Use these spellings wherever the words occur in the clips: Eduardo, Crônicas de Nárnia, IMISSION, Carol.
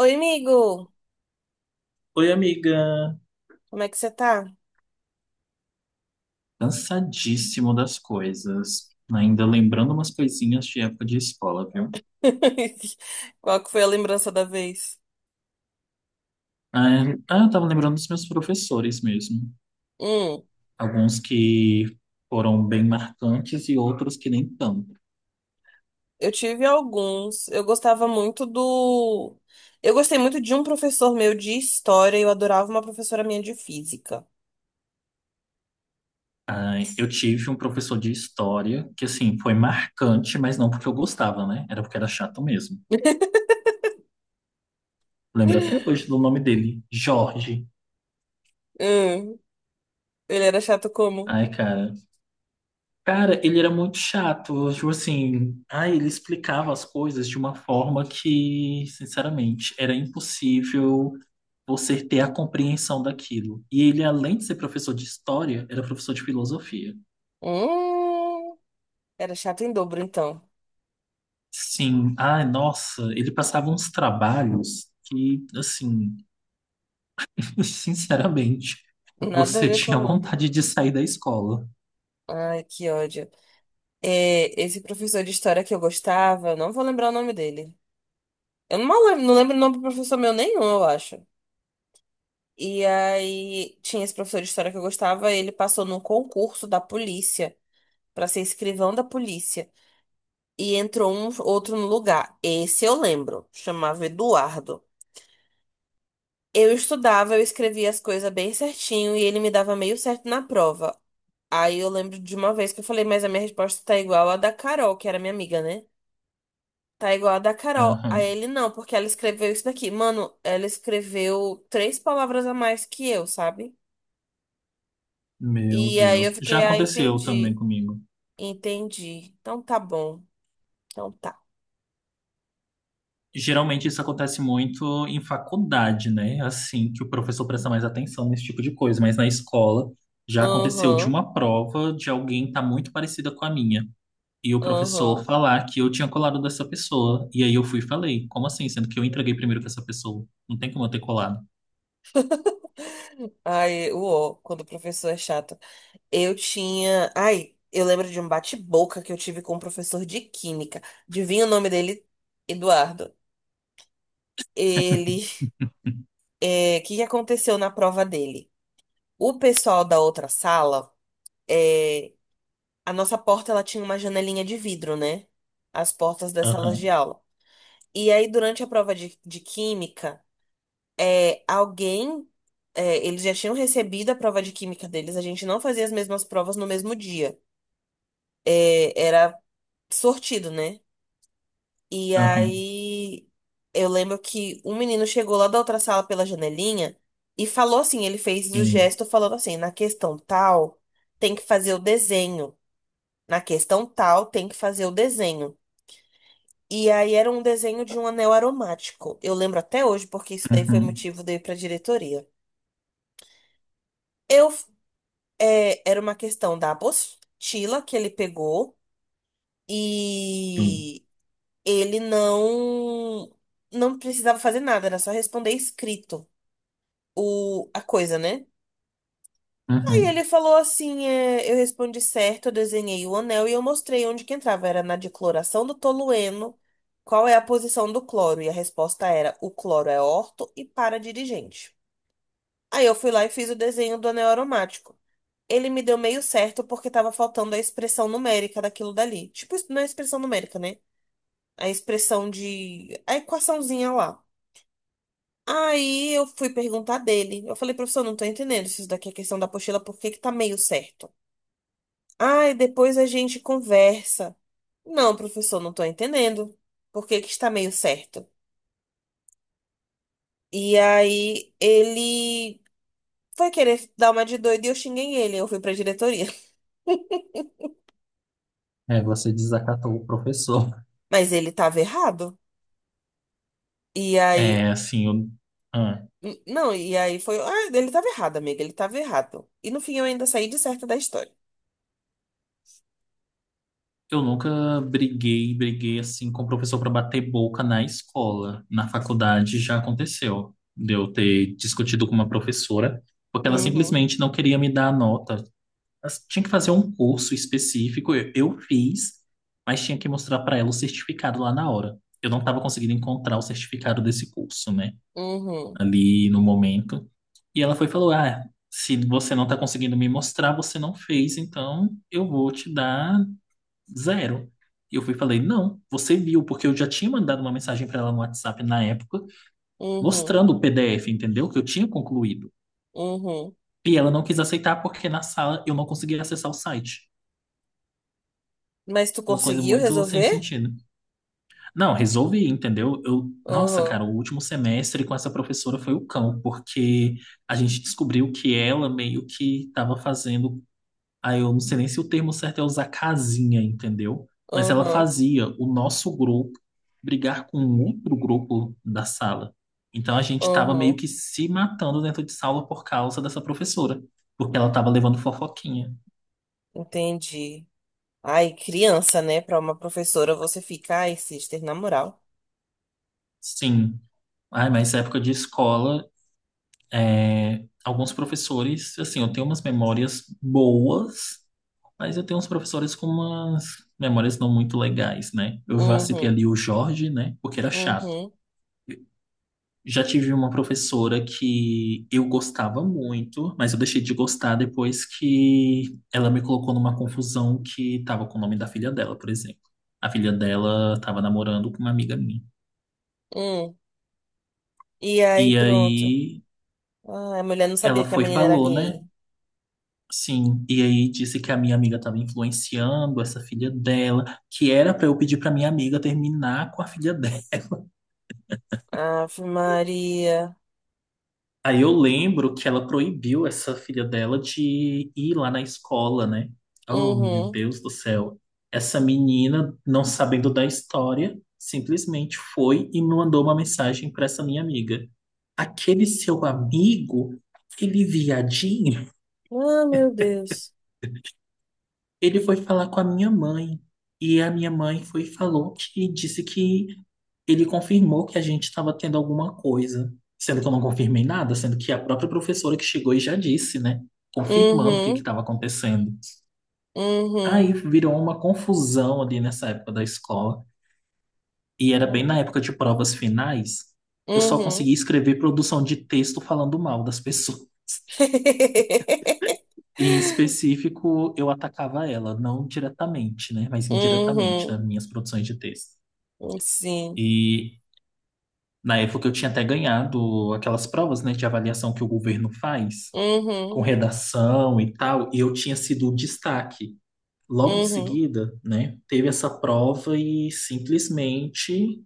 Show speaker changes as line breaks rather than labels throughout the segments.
Oi, amigo!
Oi, amiga.
Como é que você tá?
Cansadíssimo das coisas. Ainda lembrando umas coisinhas de época de escola, viu?
Qual que foi a lembrança da vez?
Eu tava lembrando dos meus professores mesmo.
Hum,
Alguns que foram bem marcantes e outros que nem tanto.
eu tive alguns. Eu gostava muito do. Eu gostei muito de um professor meu de história e eu adorava uma professora minha de física.
Ah, eu tive um professor de história que, assim, foi marcante, mas não porque eu gostava, né? Era porque era chato mesmo. Lembro até hoje do nome dele, Jorge.
Hum, ele era chato como?
Ai, cara. Cara, ele era muito chato, tipo assim, ele explicava as coisas de uma forma que, sinceramente, era impossível você ter a compreensão daquilo. E ele, além de ser professor de história, era professor de filosofia.
Hum, era chato em dobro, então.
Sim, ai, nossa, ele passava uns trabalhos que, assim, sinceramente,
Nada a
você
ver com
tinha
o nome.
vontade de sair da escola.
Ai, que ódio. É, esse professor de história que eu gostava, não vou lembrar o nome dele. Eu não lembro, não lembro o nome do professor meu nenhum, eu acho. E aí tinha esse professor de história que eu gostava, ele passou num concurso da polícia pra ser escrivão da polícia e entrou um outro no lugar. Esse eu lembro, chamava Eduardo. Eu estudava, eu escrevia as coisas bem certinho e ele me dava meio certo na prova. Aí eu lembro de uma vez que eu falei, mas a minha resposta tá igual à da Carol, que era minha amiga, né? Tá igual a da Carol.
Aham.
Aí ele não, porque ela escreveu isso daqui. Mano, ela escreveu três palavras a mais que eu, sabe?
Meu
E aí eu
Deus, já
fiquei, ah,
aconteceu também
entendi.
comigo.
Entendi. Então tá bom. Então tá.
Geralmente isso acontece muito em faculdade, né? Assim, que o professor presta mais atenção nesse tipo de coisa, mas na escola já aconteceu de
Aham,
uma prova de alguém estar muito parecida com a minha. E o professor
aham.
falar que eu tinha colado dessa pessoa. E aí eu fui e falei, como assim? Sendo que eu entreguei primeiro que essa pessoa. Não tem como eu ter colado.
Ai, uó, quando o professor é chato. Eu tinha. Ai, eu lembro de um bate-boca que eu tive com um professor de química. Adivinha o nome dele? Eduardo. Ele. O que que aconteceu na prova dele? O pessoal da outra sala. é, A nossa porta ela tinha uma janelinha de vidro, né? As portas das salas de
Aham,
aula. E aí, durante a prova de química. Alguém, eles já tinham recebido a prova de química deles, a gente não fazia as mesmas provas no mesmo dia. É, era sortido, né? E
aham,
aí eu lembro que um menino chegou lá da outra sala pela janelinha e falou assim, ele fez o
sim,
gesto falando assim, na questão tal, tem que fazer o desenho. Na questão tal, tem que fazer o desenho. E aí era um desenho de um anel aromático. Eu lembro até hoje, porque isso daí foi
uhum,
motivo de eu ir pra diretoria. Eu era uma questão da apostila que ele pegou
sim,
e ele não precisava fazer nada, era só responder escrito a coisa, né? Aí
uhum.
ele falou assim, eu respondi certo, eu desenhei o anel e eu mostrei onde que entrava, era na decloração do tolueno, qual é a posição do cloro, e a resposta era, o cloro é orto e para dirigente. Aí eu fui lá e fiz o desenho do anel aromático. Ele me deu meio certo porque tava faltando a expressão numérica daquilo dali. Tipo, não é expressão numérica, né? A expressão de... A equaçãozinha lá. Aí eu fui perguntar dele. Eu falei, professor, não tô entendendo se isso daqui é questão da apostila, por que que tá meio certo? Ah, e depois a gente conversa. Não, professor, não tô entendendo. Por que que está meio certo? E aí ele foi querer dar uma de doido e eu xinguei ele. Eu fui pra diretoria.
É, você desacatou o professor.
Mas ele tava errado. E aí
É, assim, eu... ah.
N- Não, e aí foi. Ah, ele tava errado, amiga, ele tava errado. E no fim eu ainda saí de certa da história.
Eu nunca briguei, briguei assim com o professor para bater boca na escola. Na faculdade já aconteceu de eu ter discutido com uma professora, porque ela
Uhum,
simplesmente não queria me dar a nota. Ela tinha que fazer um curso específico, eu fiz, mas tinha que mostrar para ela o certificado lá na hora. Eu não estava conseguindo encontrar o certificado desse curso, né,
uhum,
ali no momento. E ela foi e falou: Ah, se você não está conseguindo me mostrar, você não fez, então eu vou te dar zero. E eu fui e falei, não, você viu, porque eu já tinha mandado uma mensagem para ela no WhatsApp na época,
uhum,
mostrando o PDF, entendeu? Que eu tinha concluído.
uhum.
E ela não quis aceitar porque na sala eu não conseguia acessar o site.
Mas tu
Uma coisa
conseguiu
muito sem
resolver?
sentido. Não, resolvi, entendeu? Eu, nossa,
Uhum,
cara, o último semestre com essa professora foi o cão, porque a gente descobriu que ela meio que estava fazendo. Aí eu não sei nem se o termo certo é usar casinha, entendeu? Mas ela
uhum,
fazia o nosso grupo brigar com um outro grupo da sala. Então a gente estava meio
uhum.
que se matando dentro de sala por causa dessa professora, porque ela estava levando fofoquinha.
Entendi. Ai, criança, né? Pra uma professora você fica, ai, sister, na moral.
Sim. Ai, mas época de escola, alguns professores, assim, eu tenho umas memórias boas, mas eu tenho uns professores com umas memórias não muito legais, né? Eu já citei
Uhum,
ali o Jorge, né? Porque era chato.
uhum,
Já tive uma professora que eu gostava muito, mas eu deixei de gostar depois que ela me colocou numa confusão que estava com o nome da filha dela, por exemplo. A filha dela estava namorando com uma amiga minha.
uhum. E aí,
E
pronto.
aí
Ai, a mulher não
ela
sabia que a
foi e
menina era
falou, né?
gay.
Sim, e aí disse que a minha amiga estava influenciando essa filha dela, que era para eu pedir para minha amiga terminar com a filha dela.
Ave Maria.
Aí eu lembro que ela proibiu essa filha dela de ir lá na escola, né? Oh, meu
Uhum.
Deus do céu. Essa menina, não sabendo da história, simplesmente foi e me mandou uma mensagem para essa minha amiga. Aquele seu amigo, aquele viadinho.
Ah, meu Deus.
Ele foi falar com a minha mãe e a minha mãe foi e falou que disse que ele confirmou que a gente estava tendo alguma coisa, sendo que eu não confirmei nada, sendo que a própria professora que chegou e já disse, né, confirmando o que que
Uhum.
estava acontecendo. Aí
Uhum.
virou uma confusão ali nessa época da escola e era bem
Uhum.
na época de provas finais. Eu só conseguia escrever produção de texto falando mal das pessoas. Em específico, eu atacava ela, não diretamente, né, mas indiretamente
Uhum.
nas minhas produções de texto.
Uhum. Sim.
E na época eu tinha até ganhado aquelas provas, né, de avaliação que o governo faz, com
Uhum.
redação e tal, e eu tinha sido o destaque. Logo em
Uhum.
seguida, né, teve essa prova e simplesmente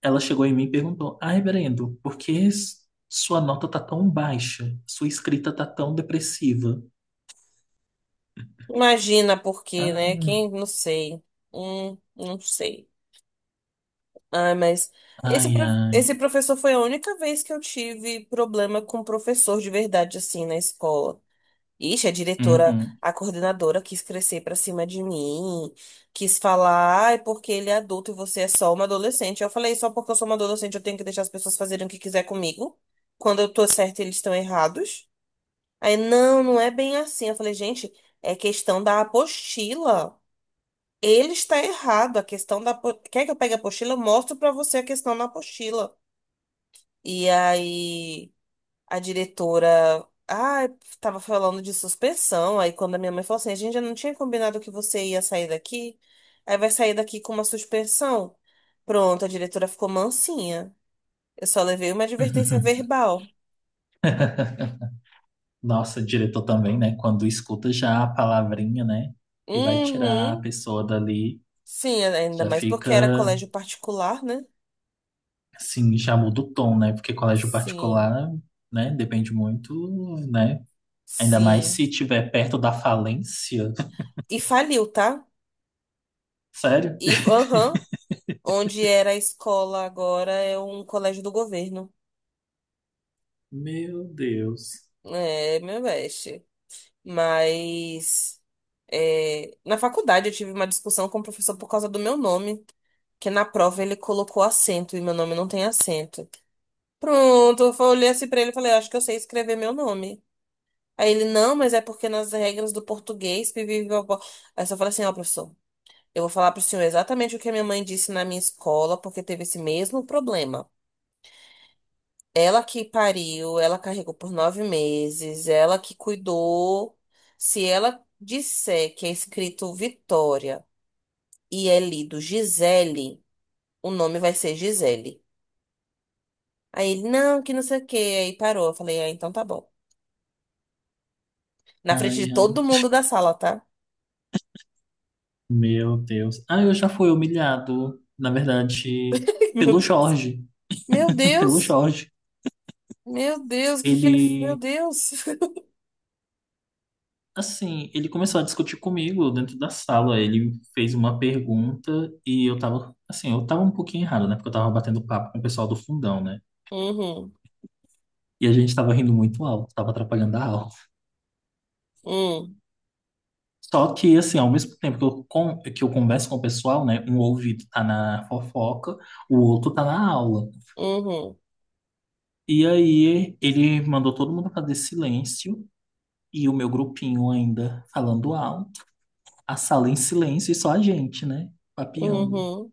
ela chegou em mim e perguntou: Ah, reverendo, sua nota tá tão baixa? Sua escrita tá tão depressiva?
Imagina por quê, né?
Ah,
Quem, não sei. Não sei. Ah, mas
ai,
esse
ai.
professor foi a única vez que eu tive problema com professor de verdade, assim, na escola. Ixi, a diretora,
Uhum.
a coordenadora quis crescer pra cima de mim, quis falar, ah, é porque ele é adulto e você é só uma adolescente. Eu falei, só porque eu sou uma adolescente eu tenho que deixar as pessoas fazerem o que quiser comigo. Quando eu tô certa, eles estão errados. Aí, não, não é bem assim. Eu falei, gente, é questão da apostila. Ele está errado. A questão da. Apo- Quer que eu pegue a apostila? Eu mostro pra você a questão na apostila. E aí a diretora, ah, tava falando de suspensão. Aí quando a minha mãe falou assim, a gente já não tinha combinado que você ia sair daqui, aí vai sair daqui com uma suspensão. Pronto, a diretora ficou mansinha. Eu só levei uma advertência verbal.
Nossa, diretor também, né? Quando escuta já a palavrinha, né? Que vai tirar a
Uhum.
pessoa dali,
Sim, ainda
já
mais porque era
fica,
colégio particular, né?
assim, já muda o tom, né? Porque colégio
Sim,
particular, né? Depende muito, né? Ainda mais
sim.
se tiver perto da falência.
E faliu, tá?
Sério?
E, aham, onde era a escola agora é um colégio do governo.
Meu Deus.
É, meu best. Mas na faculdade eu tive uma discussão com o professor por causa do meu nome, que na prova ele colocou acento e meu nome não tem acento. Pronto, olhei assim pra ele e falei, acho que eu sei escrever meu nome. Aí ele, não, mas é porque nas regras do português, pipi, pipopó. Aí eu só falei assim, ó, professor, eu vou falar pro senhor exatamente o que a minha mãe disse na minha escola, porque teve esse mesmo problema. Ela que pariu, ela carregou por 9 meses, ela que cuidou. Se ela disser que é escrito Vitória e é lido Gisele, o nome vai ser Gisele. Aí ele, não, que não sei o quê. Aí parou. Eu falei, ah, então tá bom. Na frente de
Ai, ai,
todo mundo da sala, tá?
meu Deus. Ah, eu já fui humilhado, na verdade,
Meu
pelo
Deus.
Jorge.
Meu
Pelo
Deus.
Jorge.
Meu Deus, o que que ele. Meu
Ele.
Deus.
Assim, ele começou a discutir comigo dentro da sala. Ele fez uma pergunta e eu tava, assim, eu tava um pouquinho errado, né? Porque eu tava batendo papo com o pessoal do fundão, né?
Uhum,
E a gente tava rindo muito alto, tava atrapalhando a aula.
uhum,
Só que, assim, ao mesmo tempo que que eu converso com o pessoal, né? Um ouvido tá na fofoca, o outro tá na aula.
uhum,
E aí ele mandou todo mundo fazer silêncio e o meu grupinho ainda falando alto, a sala em silêncio e só a gente, né? Papeando.
uhum,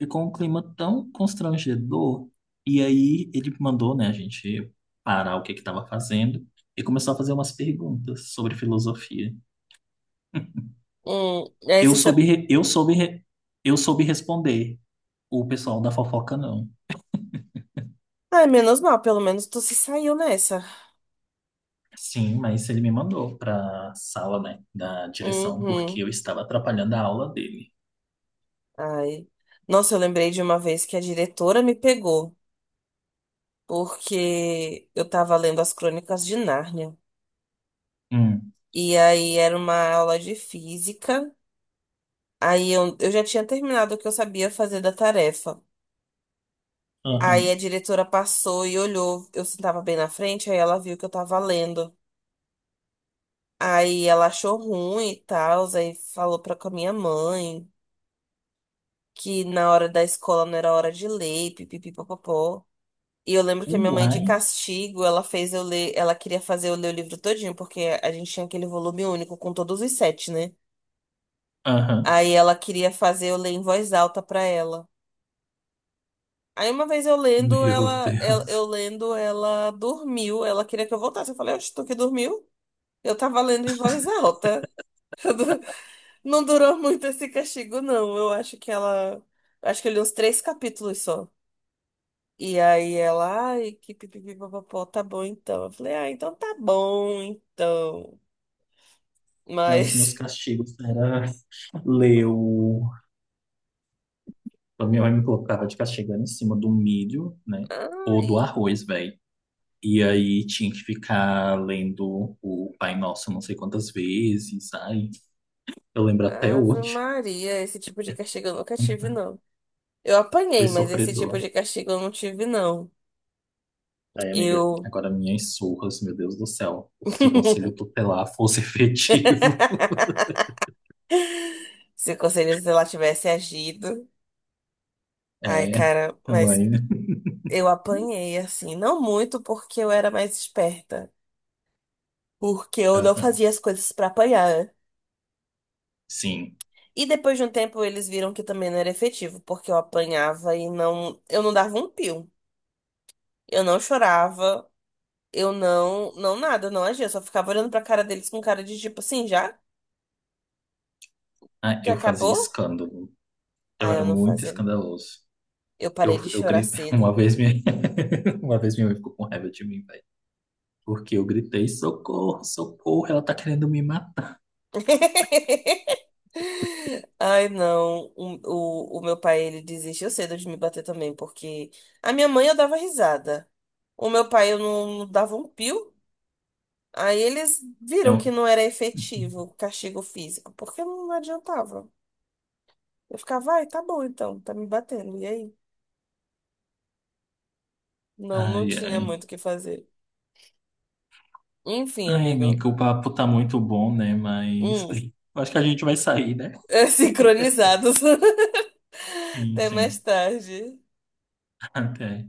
Ficou um clima tão constrangedor. E aí ele mandou, né, a gente parar o que que estava fazendo e começou a fazer umas perguntas sobre filosofia.
uhum. Aí
Eu
você sabe.
soube, re- eu soube, re- eu soube responder. O pessoal da fofoca não.
Ai, menos mal, pelo menos tu se saiu nessa.
Sim, mas ele me mandou para sala, né, da direção porque eu
Uhum.
estava atrapalhando a aula dele.
Ai. Nossa, eu lembrei de uma vez que a diretora me pegou, porque eu tava lendo as Crônicas de Nárnia.
Hum.
E aí era uma aula de física. Aí eu já tinha terminado o que eu sabia fazer da tarefa. Aí a
Aham.
diretora passou e olhou. Eu sentava bem na frente, aí ela viu que eu tava lendo. Aí ela achou ruim e tal, aí falou pra com a minha mãe que na hora da escola não era hora de ler, pipipi. E eu lembro que a minha mãe, de
Uai.
castigo, ela fez eu ler, ela queria fazer eu ler o livro todinho, porque a gente tinha aquele volume único com todos os sete, né?
Aham.
Aí ela queria fazer eu ler em voz alta pra ela. Aí uma vez eu lendo,
Meu
ela, eu,
Deus.
eu lendo, ela dormiu, ela queria que eu voltasse. Eu falei, oxe, tu que dormiu? Eu tava lendo em voz alta. Não durou muito esse castigo, não. Eu acho que ela, acho que eu li uns três capítulos só. E aí ela, ai, que pipipi, papapó, tá bom então. Eu falei, ah, então tá bom então.
Não, os meus
Mas,
castigos era leu. A minha mãe me colocava de castigando em cima do milho, né? Ou do
ai,
arroz, velho. E aí tinha que ficar lendo o Pai Nosso não sei quantas vezes. Ai, eu lembro até
Ave
hoje.
Maria, esse tipo de castigo eu nunca tive, não. Eu
Foi
apanhei, mas esse tipo
sofredor.
de castigo eu não tive, não.
Aí, amiga,
Eu.
agora minhas surras, meu Deus do céu. Se o conselho tutelar fosse efetivo.
Se o conselheiro sei lá tivesse agido. Ai,
É,
cara,
a
mas
mãe. Né?
eu apanhei, assim. Não muito porque eu era mais esperta. Porque eu não
Aham.
fazia as coisas pra apanhar.
Sim.
E depois de um tempo eles viram que também não era efetivo, porque eu apanhava e não, eu não dava um pio. Eu não chorava, eu não, não nada, eu não agia, eu só ficava olhando pra cara deles com cara de tipo assim, já?
Ah,
Já
eu fazia
acabou?
escândalo. Eu
Aí
era
eu não
muito
fazia.
escandaloso.
Eu
Eu,
parei de
eu,
chorar
gri-
cedo.
uma vez minha, uma vez minha mãe ficou com raiva de mim, velho. Porque eu gritei, socorro, socorro, ela tá querendo me matar.
Ai, não. O meu pai, ele desistiu cedo de me bater também, porque a minha mãe eu dava risada. O meu pai eu não dava um pio. Aí eles viram que
Eu-
não era efetivo o castigo físico, porque não adiantava. Eu ficava, ai, tá bom então, tá me batendo. E aí? Não, não
ai,
tinha muito o
ai.
que fazer. Enfim,
Ai,
amigo.
amigo, o papo tá muito bom, né? Mas
Hum,
acho que a gente vai sair, né?
sincronizados.
Sim,
Até mais
sim.
tarde.
Até.